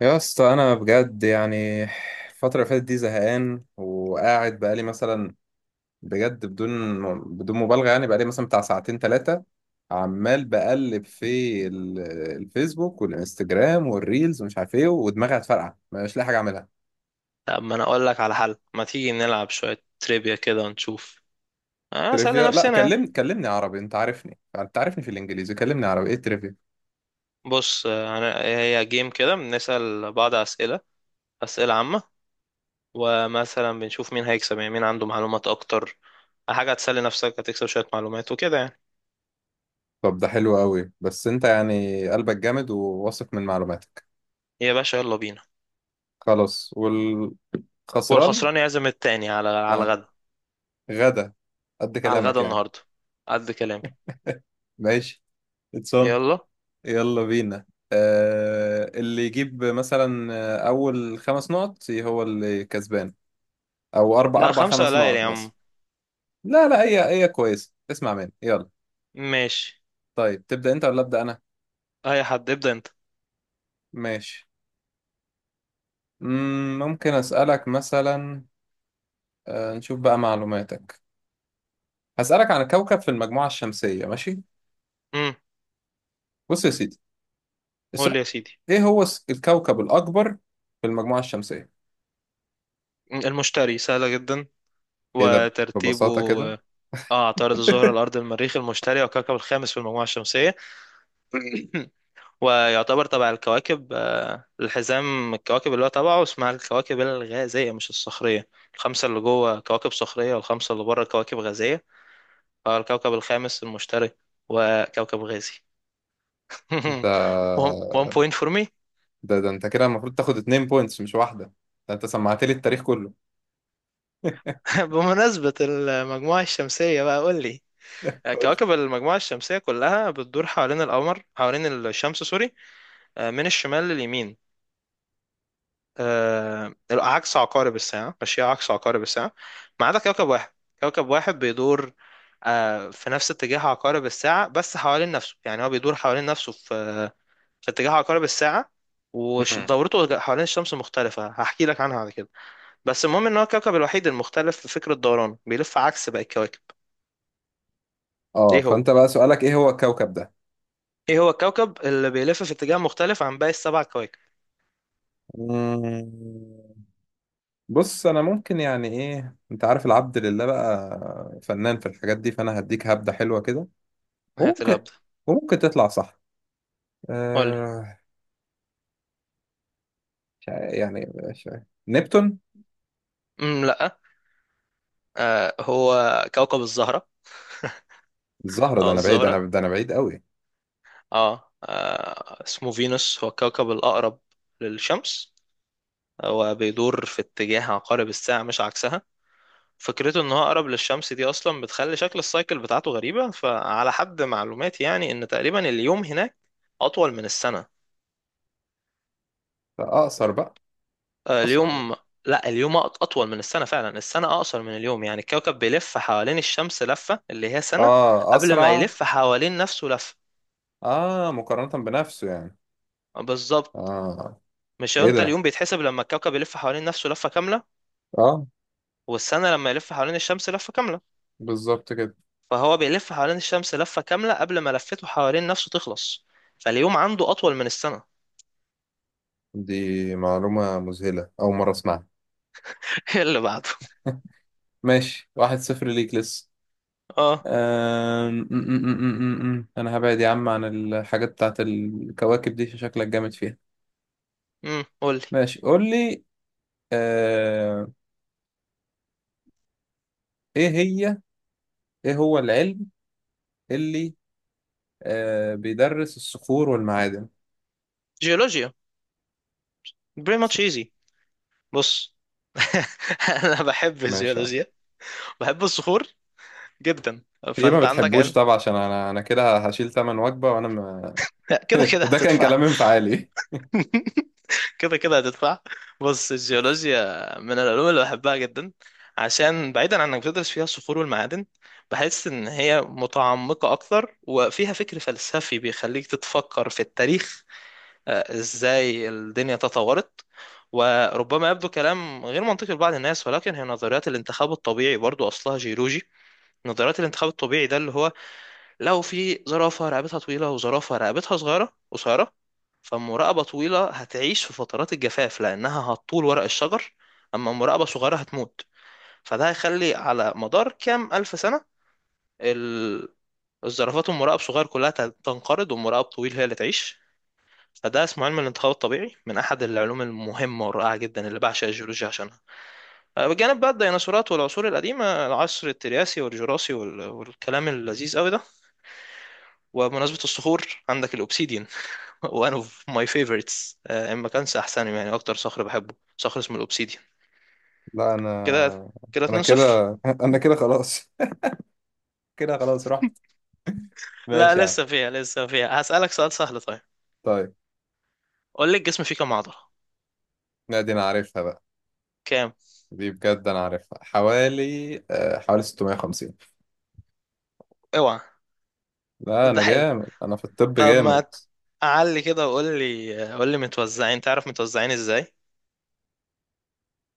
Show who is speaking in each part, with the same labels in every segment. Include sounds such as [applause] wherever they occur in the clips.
Speaker 1: يا اسطى انا بجد يعني الفتره اللي فاتت دي زهقان، وقاعد بقالي مثلا، بجد، بدون مبالغه، يعني بقالي مثلا بتاع ساعتين ثلاثه عمال بقلب في ال- الفيسبوك والانستجرام والريلز ومش عارف ايه، ودماغي هتفرقع، مش لاقي حاجه اعملها.
Speaker 2: طب ما انا اقول لك على حل، ما تيجي نلعب شوية تريبيا كده ونشوف، اسأل
Speaker 1: ترivia؟ لا
Speaker 2: نفسنا يعني.
Speaker 1: كلمني عربي، انت عارفني، في الانجليزي، كلمني عربي، ايه ترivia؟
Speaker 2: بص، هي جيم كده بنسأل بعض اسئلة عامة. ومثلا بنشوف مين هيكسب، يعني مين عنده معلومات اكتر. حاجة هتسلي نفسك، هتكسب شوية معلومات وكده يعني.
Speaker 1: طب ده حلو قوي، بس انت يعني قلبك جامد وواثق من معلوماتك؟
Speaker 2: يا باشا يلا بينا.
Speaker 1: خلاص. والخسران.
Speaker 2: والخسران يعزم التاني على
Speaker 1: آه.
Speaker 2: الغدا.
Speaker 1: غدا قد
Speaker 2: على
Speaker 1: كلامك
Speaker 2: الغدا
Speaker 1: يعني.
Speaker 2: النهاردة، قد كلامي.
Speaker 1: ماشي، اتسون،
Speaker 2: يلا.
Speaker 1: يلا بينا. آه، اللي يجيب مثلا، اول خمس نقط هو اللي كسبان، او اربع،
Speaker 2: لا، خمسة
Speaker 1: خمس
Speaker 2: قليل
Speaker 1: نقط
Speaker 2: يا
Speaker 1: مثلا.
Speaker 2: عم.
Speaker 1: لا هي كويسه، اسمع مني، يلا.
Speaker 2: ماشي،
Speaker 1: طيب تبدا انت ولا ابدا انا؟
Speaker 2: اي حد، ابدأ انت.
Speaker 1: ماشي. ممكن اسالك مثلا، آه نشوف بقى معلوماتك، هسالك عن كوكب في المجموعه الشمسيه، ماشي؟
Speaker 2: امم
Speaker 1: بص يا سيدي،
Speaker 2: قول لي
Speaker 1: السؤال،
Speaker 2: يا سيدي.
Speaker 1: ايه هو الكوكب الاكبر في المجموعه الشمسيه؟
Speaker 2: المشتري، سهلة جدا.
Speaker 1: ايه ده،
Speaker 2: وترتيبه،
Speaker 1: ببساطه كده؟
Speaker 2: اه عطارد، الزهرة،
Speaker 1: [laughs]
Speaker 2: الأرض، المريخ، المشتري، والكوكب الخامس في المجموعة الشمسية. [clears throat] ويعتبر تبع الكواكب، الحزام الكواكب اللي هو تبعه اسمها الكواكب الغازية مش الصخرية. الخمسة اللي جوه كواكب صخرية، والخمسة اللي بره كواكب غازية. فالكوكب الخامس المشتري، وكوكب غازي. [laughs] One
Speaker 1: ده
Speaker 2: point for me.
Speaker 1: انت كده المفروض تاخد اتنين بوينتس مش واحدة، ده انت سمعت لي التاريخ كله.
Speaker 2: [laughs] بمناسبة المجموعة الشمسية بقى قول لي.
Speaker 1: [laughs] قول.
Speaker 2: كواكب المجموعة الشمسية كلها بتدور حوالين القمر، حوالين الشمس، سوري. من الشمال لليمين. عكس عقارب الساعة، ماشية عكس عقارب الساعة، ما عدا كوكب واحد. كوكب واحد بيدور في نفس اتجاه عقارب الساعة، بس حوالين نفسه، يعني هو بيدور حوالين نفسه في اتجاه عقارب الساعة.
Speaker 1: مم.
Speaker 2: ودورته حوالين الشمس مختلفة، هحكي لك عنها بعد كده. بس المهم ان هو الكوكب الوحيد المختلف في فكرة دورانه، بيلف عكس باقي الكواكب.
Speaker 1: اه،
Speaker 2: ايه هو؟
Speaker 1: فانت بقى سؤالك ايه هو الكوكب ده؟
Speaker 2: ايه هو الكوكب اللي بيلف في اتجاه مختلف عن باقي السبع كواكب؟
Speaker 1: مم. بص، انا ممكن يعني، ايه، انت عارف العبد لله بقى فنان في الحاجات دي، فانا هديك هبدة حلوة كده،
Speaker 2: هات
Speaker 1: وممكن
Speaker 2: الهبدة،
Speaker 1: وممكن تطلع صح.
Speaker 2: قولي.
Speaker 1: آه، مش عارف. نبتون.
Speaker 2: لا. هو كوكب الزهرة،
Speaker 1: الزهرة؟ ده
Speaker 2: او
Speaker 1: انا بعيد،
Speaker 2: الزهرة.
Speaker 1: ده انا بعيد قوي.
Speaker 2: اسمه فينوس، هو الكوكب الأقرب للشمس، وبيدور في اتجاه عقارب الساعة مش عكسها. فكرته ان هو اقرب للشمس دي اصلا بتخلي شكل السايكل بتاعته غريبة. فعلى حد معلوماتي يعني، ان تقريبا اليوم هناك اطول من السنة.
Speaker 1: فاقصر بقى. اقصر.
Speaker 2: اليوم، لا، اليوم اطول من السنة. فعلا السنة اقصر من اليوم، يعني الكوكب بيلف حوالين الشمس لفة اللي هي سنة
Speaker 1: اه،
Speaker 2: قبل ما
Speaker 1: اسرع.
Speaker 2: يلف حوالين نفسه لفة.
Speaker 1: اه، مقارنة بنفسه يعني.
Speaker 2: بالظبط.
Speaker 1: اه.
Speaker 2: مش هو
Speaker 1: ايه
Speaker 2: انت
Speaker 1: ده.
Speaker 2: اليوم بيتحسب لما الكوكب يلف حوالين نفسه لفة كاملة،
Speaker 1: اه.
Speaker 2: والسنة لما يلف حوالين الشمس لفة كاملة.
Speaker 1: بالظبط كده.
Speaker 2: فهو بيلف حوالين الشمس لفة كاملة قبل ما لفته حوالين نفسه تخلص، فاليوم عنده أطول من السنة.
Speaker 1: دي معلومة مذهلة، أول مرة أسمعها.
Speaker 2: [laughs] إيه اللي بعده؟
Speaker 1: ماشي، واحد صفر ليك لسه.
Speaker 2: اه.
Speaker 1: أم... م- م- م- م- م. أنا هبعد يا عم عن الحاجات بتاعت الكواكب دي عشان شكلك جامد فيها.
Speaker 2: قولي.
Speaker 1: ماشي، قول لي. أه... إيه هي، إيه هو العلم اللي بيدرس الصخور والمعادن؟
Speaker 2: جيولوجيا. Pretty much easy. بص. [laughs] أنا بحب
Speaker 1: ماشي يا عم.
Speaker 2: الجيولوجيا، بحب الصخور جدا.
Speaker 1: في إيه ما
Speaker 2: فأنت عندك
Speaker 1: بتحبوش
Speaker 2: علم.
Speaker 1: طبعا، عشان أنا، كده هشيل تمن وجبة وأنا ما...
Speaker 2: [laughs] لا، كده
Speaker 1: [laughs]
Speaker 2: كده
Speaker 1: وده كان
Speaker 2: هتدفع.
Speaker 1: كلام انفعالي.
Speaker 2: [laughs] كده كده هتدفع. بص،
Speaker 1: [laughs]
Speaker 2: الجيولوجيا من العلوم اللي بحبها جدا، عشان بعيدا عن انك بتدرس فيها الصخور والمعادن، بحس ان هي متعمقة اكتر وفيها فكر فلسفي بيخليك تتفكر في التاريخ. ازاي الدنيا تطورت. وربما يبدو كلام غير منطقي لبعض الناس، ولكن هي نظريات الانتخاب الطبيعي برضو اصلها جيولوجي. نظريات الانتخاب الطبيعي ده اللي هو، لو في زرافة رقبتها طويلة وزرافة رقبتها صغيرة قصيرة، فالمراقبة طويلة هتعيش في فترات الجفاف لأنها هتطول ورق الشجر، أما مراقبة صغيرة هتموت. فده هيخلي على مدار كام ألف سنة ال- الزرافات والمراقب صغير كلها تنقرض، والمراقب طويل هي اللي تعيش. فده اسمه علم الانتخاب الطبيعي، من أحد العلوم المهمة والرائعة جدا اللي بعشق الجيولوجيا عشانها. بجانب بقى الديناصورات والعصور القديمة، العصر الترياسي والجراسي والكلام اللذيذ قوي ده. وبمناسبة الصخور، عندك الأوبسيديان. وان اوف ماي فيفورتس، ان ما كانش احسنهم، يعني اكتر صخر بحبه صخر اسمه الاوبسيديان.
Speaker 1: لا
Speaker 2: كده.
Speaker 1: أنا،
Speaker 2: كده 2-0.
Speaker 1: كده. [laughs] أنا كده خلاص، كده خلاص رحت.
Speaker 2: لا،
Speaker 1: ماشي يا عم.
Speaker 2: لسه فيها، هسألك سؤال سهل. طيب،
Speaker 1: طيب.
Speaker 2: قول لي، الجسم فيه كام عضلة؟
Speaker 1: لا دي انا عارفها بقى.
Speaker 2: كام؟
Speaker 1: دي بجد انا عارفها حوالي، حوالي 650.
Speaker 2: اوعى.
Speaker 1: لا
Speaker 2: ده
Speaker 1: انا
Speaker 2: حلو.
Speaker 1: جامد، انا في الطب
Speaker 2: طب
Speaker 1: جامد.
Speaker 2: ما اعلي كده، وقول لي قول لي متوزعين، تعرف متوزعين ازاي؟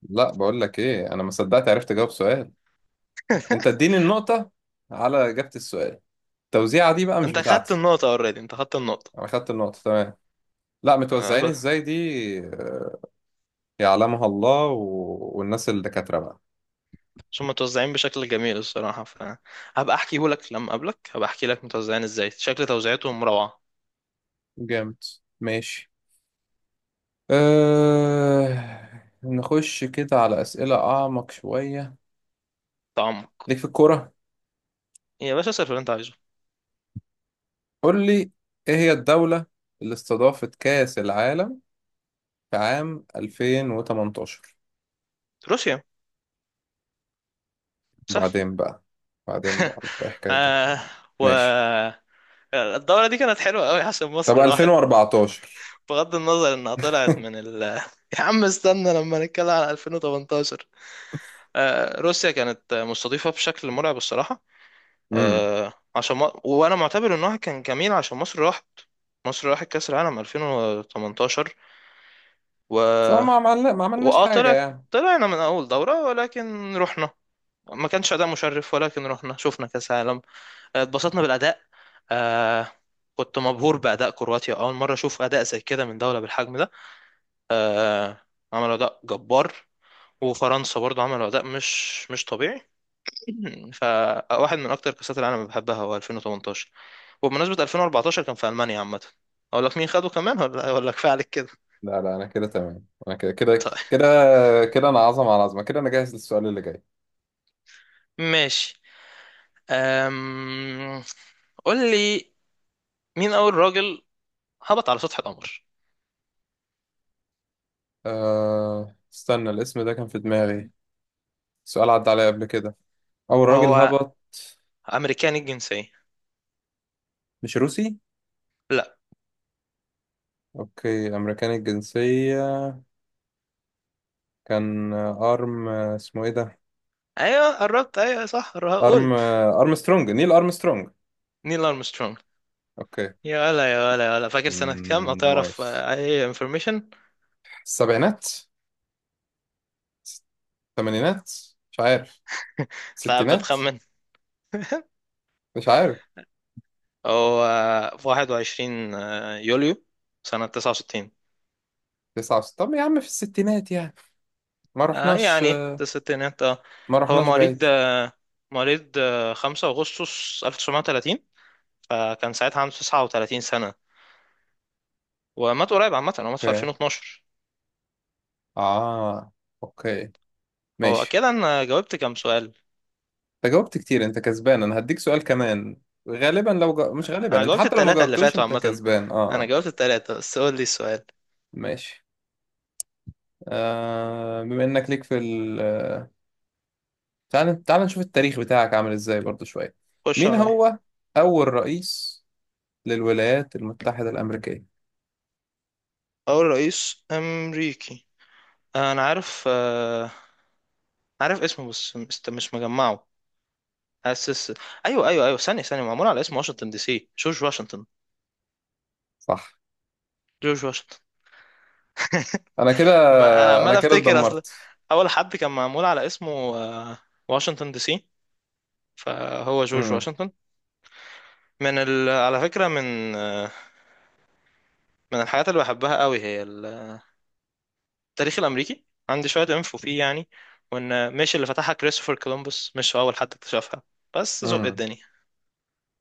Speaker 1: لا، بقول لك ايه، انا ما صدقت عرفت اجاوب سؤال، انت
Speaker 2: [laughs]
Speaker 1: اديني النقطة على اجابة السؤال، التوزيعة دي بقى مش
Speaker 2: انت خدت
Speaker 1: بتاعتي.
Speaker 2: النقطة اوريدي، انت خدت النقطة.
Speaker 1: انا خدت النقطة، تمام. لا متوزعين
Speaker 2: بس،
Speaker 1: ازاي دي يعلمها الله، و... والناس الدكاترة بقى.
Speaker 2: هم متوزعين بشكل جميل الصراحة. فهبقى احكيهولك لما اقابلك، هبقى احكي لك متوزعين ازاي، شكل توزيعتهم روعة.
Speaker 1: جامد. ماشي. نخش كده على أسئلة أعمق شوية.
Speaker 2: تعمق.
Speaker 1: ليك في الكورة.
Speaker 2: يا باشا، صرف اللي انت عايزه.
Speaker 1: قول لي، ايه هي الدولة اللي استضافت كأس العالم في عام 2018؟
Speaker 2: روسيا، سهل.
Speaker 1: بعدين بقى،
Speaker 2: [laughs]
Speaker 1: ايه حكايتك؟
Speaker 2: آه و
Speaker 1: ماشي.
Speaker 2: الدورة دي كانت حلوة أوي عشان
Speaker 1: طب
Speaker 2: مصر راحت.
Speaker 1: 2014؟
Speaker 2: بغض النظر إنها طلعت من
Speaker 1: [laughs]
Speaker 2: [laughs] يا عم استنى لما نتكلم على 2018. روسيا كانت مستضيفة بشكل مرعب الصراحة.
Speaker 1: امم.
Speaker 2: عشان ما... وأنا معتبر إنها كان جميل عشان مصر راحت. مصر راحت كأس العالم 2018. و...
Speaker 1: صح، ما ما عملناش
Speaker 2: وآه
Speaker 1: حاجة
Speaker 2: طلعت
Speaker 1: يعني.
Speaker 2: طلعنا من أول دورة، ولكن رحنا. ما كانش أداء مشرف، ولكن رحنا شفنا كأس عالم. اتبسطنا بالأداء. آه كنت مبهور بأداء كرواتيا، أول مرة أشوف أداء زي كده من دولة بالحجم ده. آه عملوا أداء جبار. وفرنسا برضو عملوا أداء مش طبيعي. [clears throat] فواحد من أكتر كأسات العالم اللي بحبها هو 2018. وبمناسبة 2014، كان في ألمانيا عامة. أقول لك مين خده كمان ولا [laughs] ولا كفاية عليك كده؟
Speaker 1: لا انا كده تمام، انا كده
Speaker 2: [laughs]
Speaker 1: كده
Speaker 2: طيب،
Speaker 1: كده كده. انا عظمة على عظمة، كده انا جاهز للسؤال اللي جاي.
Speaker 2: ماشي. أم... قول لي، مين أول راجل هبط على سطح القمر؟
Speaker 1: استنى، الاسم ده كان في دماغي، سؤال عدى عليا قبل كده. اول راجل
Speaker 2: هو
Speaker 1: هبط؟
Speaker 2: أمريكاني الجنسية.
Speaker 1: مش روسي؟
Speaker 2: لا.
Speaker 1: اوكي، امريكاني الجنسية. كان ارم، اسمه ايه ده؟
Speaker 2: ايوه قربت، ايوه صح،
Speaker 1: ارم
Speaker 2: قول.
Speaker 1: ارمسترونج، نيل ارمسترونج.
Speaker 2: نيل ارمسترونج.
Speaker 1: اوكي.
Speaker 2: يا ولا يا ولا يا ولا، فاكر سنة كام، او
Speaker 1: مم،
Speaker 2: تعرف
Speaker 1: نايس.
Speaker 2: اي انفورميشن؟
Speaker 1: السبعينات؟ الثمانينات؟ مش عارف.
Speaker 2: لا
Speaker 1: ستينات؟
Speaker 2: بتخمن.
Speaker 1: مش عارف.
Speaker 2: هو في 21 يوليو، سنة 69.
Speaker 1: طب يا عم في الستينات يعني، ما رحناش،
Speaker 2: يعني في الستينات. اه. هو مواليد
Speaker 1: بعيد.
Speaker 2: آه، مواليد آه، 5 اغسطس 1930، فكان ساعتها عنده 39 سنة. ومات قريب عامة، هو مات في
Speaker 1: اوكي.
Speaker 2: 2012.
Speaker 1: اه. اوكي.
Speaker 2: هو
Speaker 1: ماشي.
Speaker 2: كده، انا جاوبت كام سؤال؟
Speaker 1: انت جاوبت كتير، انت كسبان، انا هديك سؤال كمان. غالبا
Speaker 2: انا
Speaker 1: انت
Speaker 2: جاوبت
Speaker 1: حتى لو ما
Speaker 2: التلاتة اللي
Speaker 1: جاوبتوش
Speaker 2: فاتوا
Speaker 1: انت
Speaker 2: عامة.
Speaker 1: كسبان. اه.
Speaker 2: انا
Speaker 1: آه.
Speaker 2: جاوبت التلاتة، بس قول لي السؤال.
Speaker 1: ماشي. آه، بما انك ليك في، تعال نشوف التاريخ بتاعك عامل ازاي برضو شوية.
Speaker 2: خش
Speaker 1: مين
Speaker 2: عليا.
Speaker 1: هو أول رئيس للولايات المتحدة الأمريكية؟
Speaker 2: أول رئيس أمريكي. أنا عارف، عارف اسمه بس مش مجمعه. أسس. أيوه أيوه أيوه، ثانية ثانية، معمول على اسم واشنطن دي سي، جورج واشنطن.
Speaker 1: صح.
Speaker 2: جورج واشنطن. [laughs]
Speaker 1: أنا كده،
Speaker 2: ما أنا
Speaker 1: أنا
Speaker 2: عمال
Speaker 1: كده
Speaker 2: أفتكر، أصل
Speaker 1: اتدمرت.
Speaker 2: أول حد كان معمول على اسمه آه، واشنطن دي سي، فهو جورج
Speaker 1: امم.
Speaker 2: واشنطن. على فكرة، من الحاجات اللي بحبها قوي هي التاريخ الأمريكي، عندي شوية انفو فيه يعني. وإن مش اللي فتحها كريستوفر كولومبوس، مش هو أول حد اكتشفها، بس ذوق
Speaker 1: امم.
Speaker 2: الدنيا.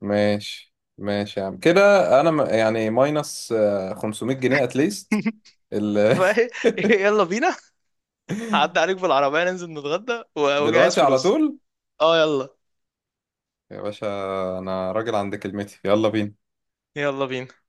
Speaker 1: ماشي يا عم كده. أنا ماينس 500 جنيه اتليست.
Speaker 2: [laughs]
Speaker 1: ال...
Speaker 2: فايه.
Speaker 1: [laughs]
Speaker 2: يلا بينا. هعدي عليك بالعربية، ننزل نتغدى واجهز
Speaker 1: دلوقتي على
Speaker 2: فلوس.
Speaker 1: طول.
Speaker 2: اه، يلا.
Speaker 1: يا باشا، أنا راجل عند كلمتي، يلا بينا.
Speaker 2: يلا بينا.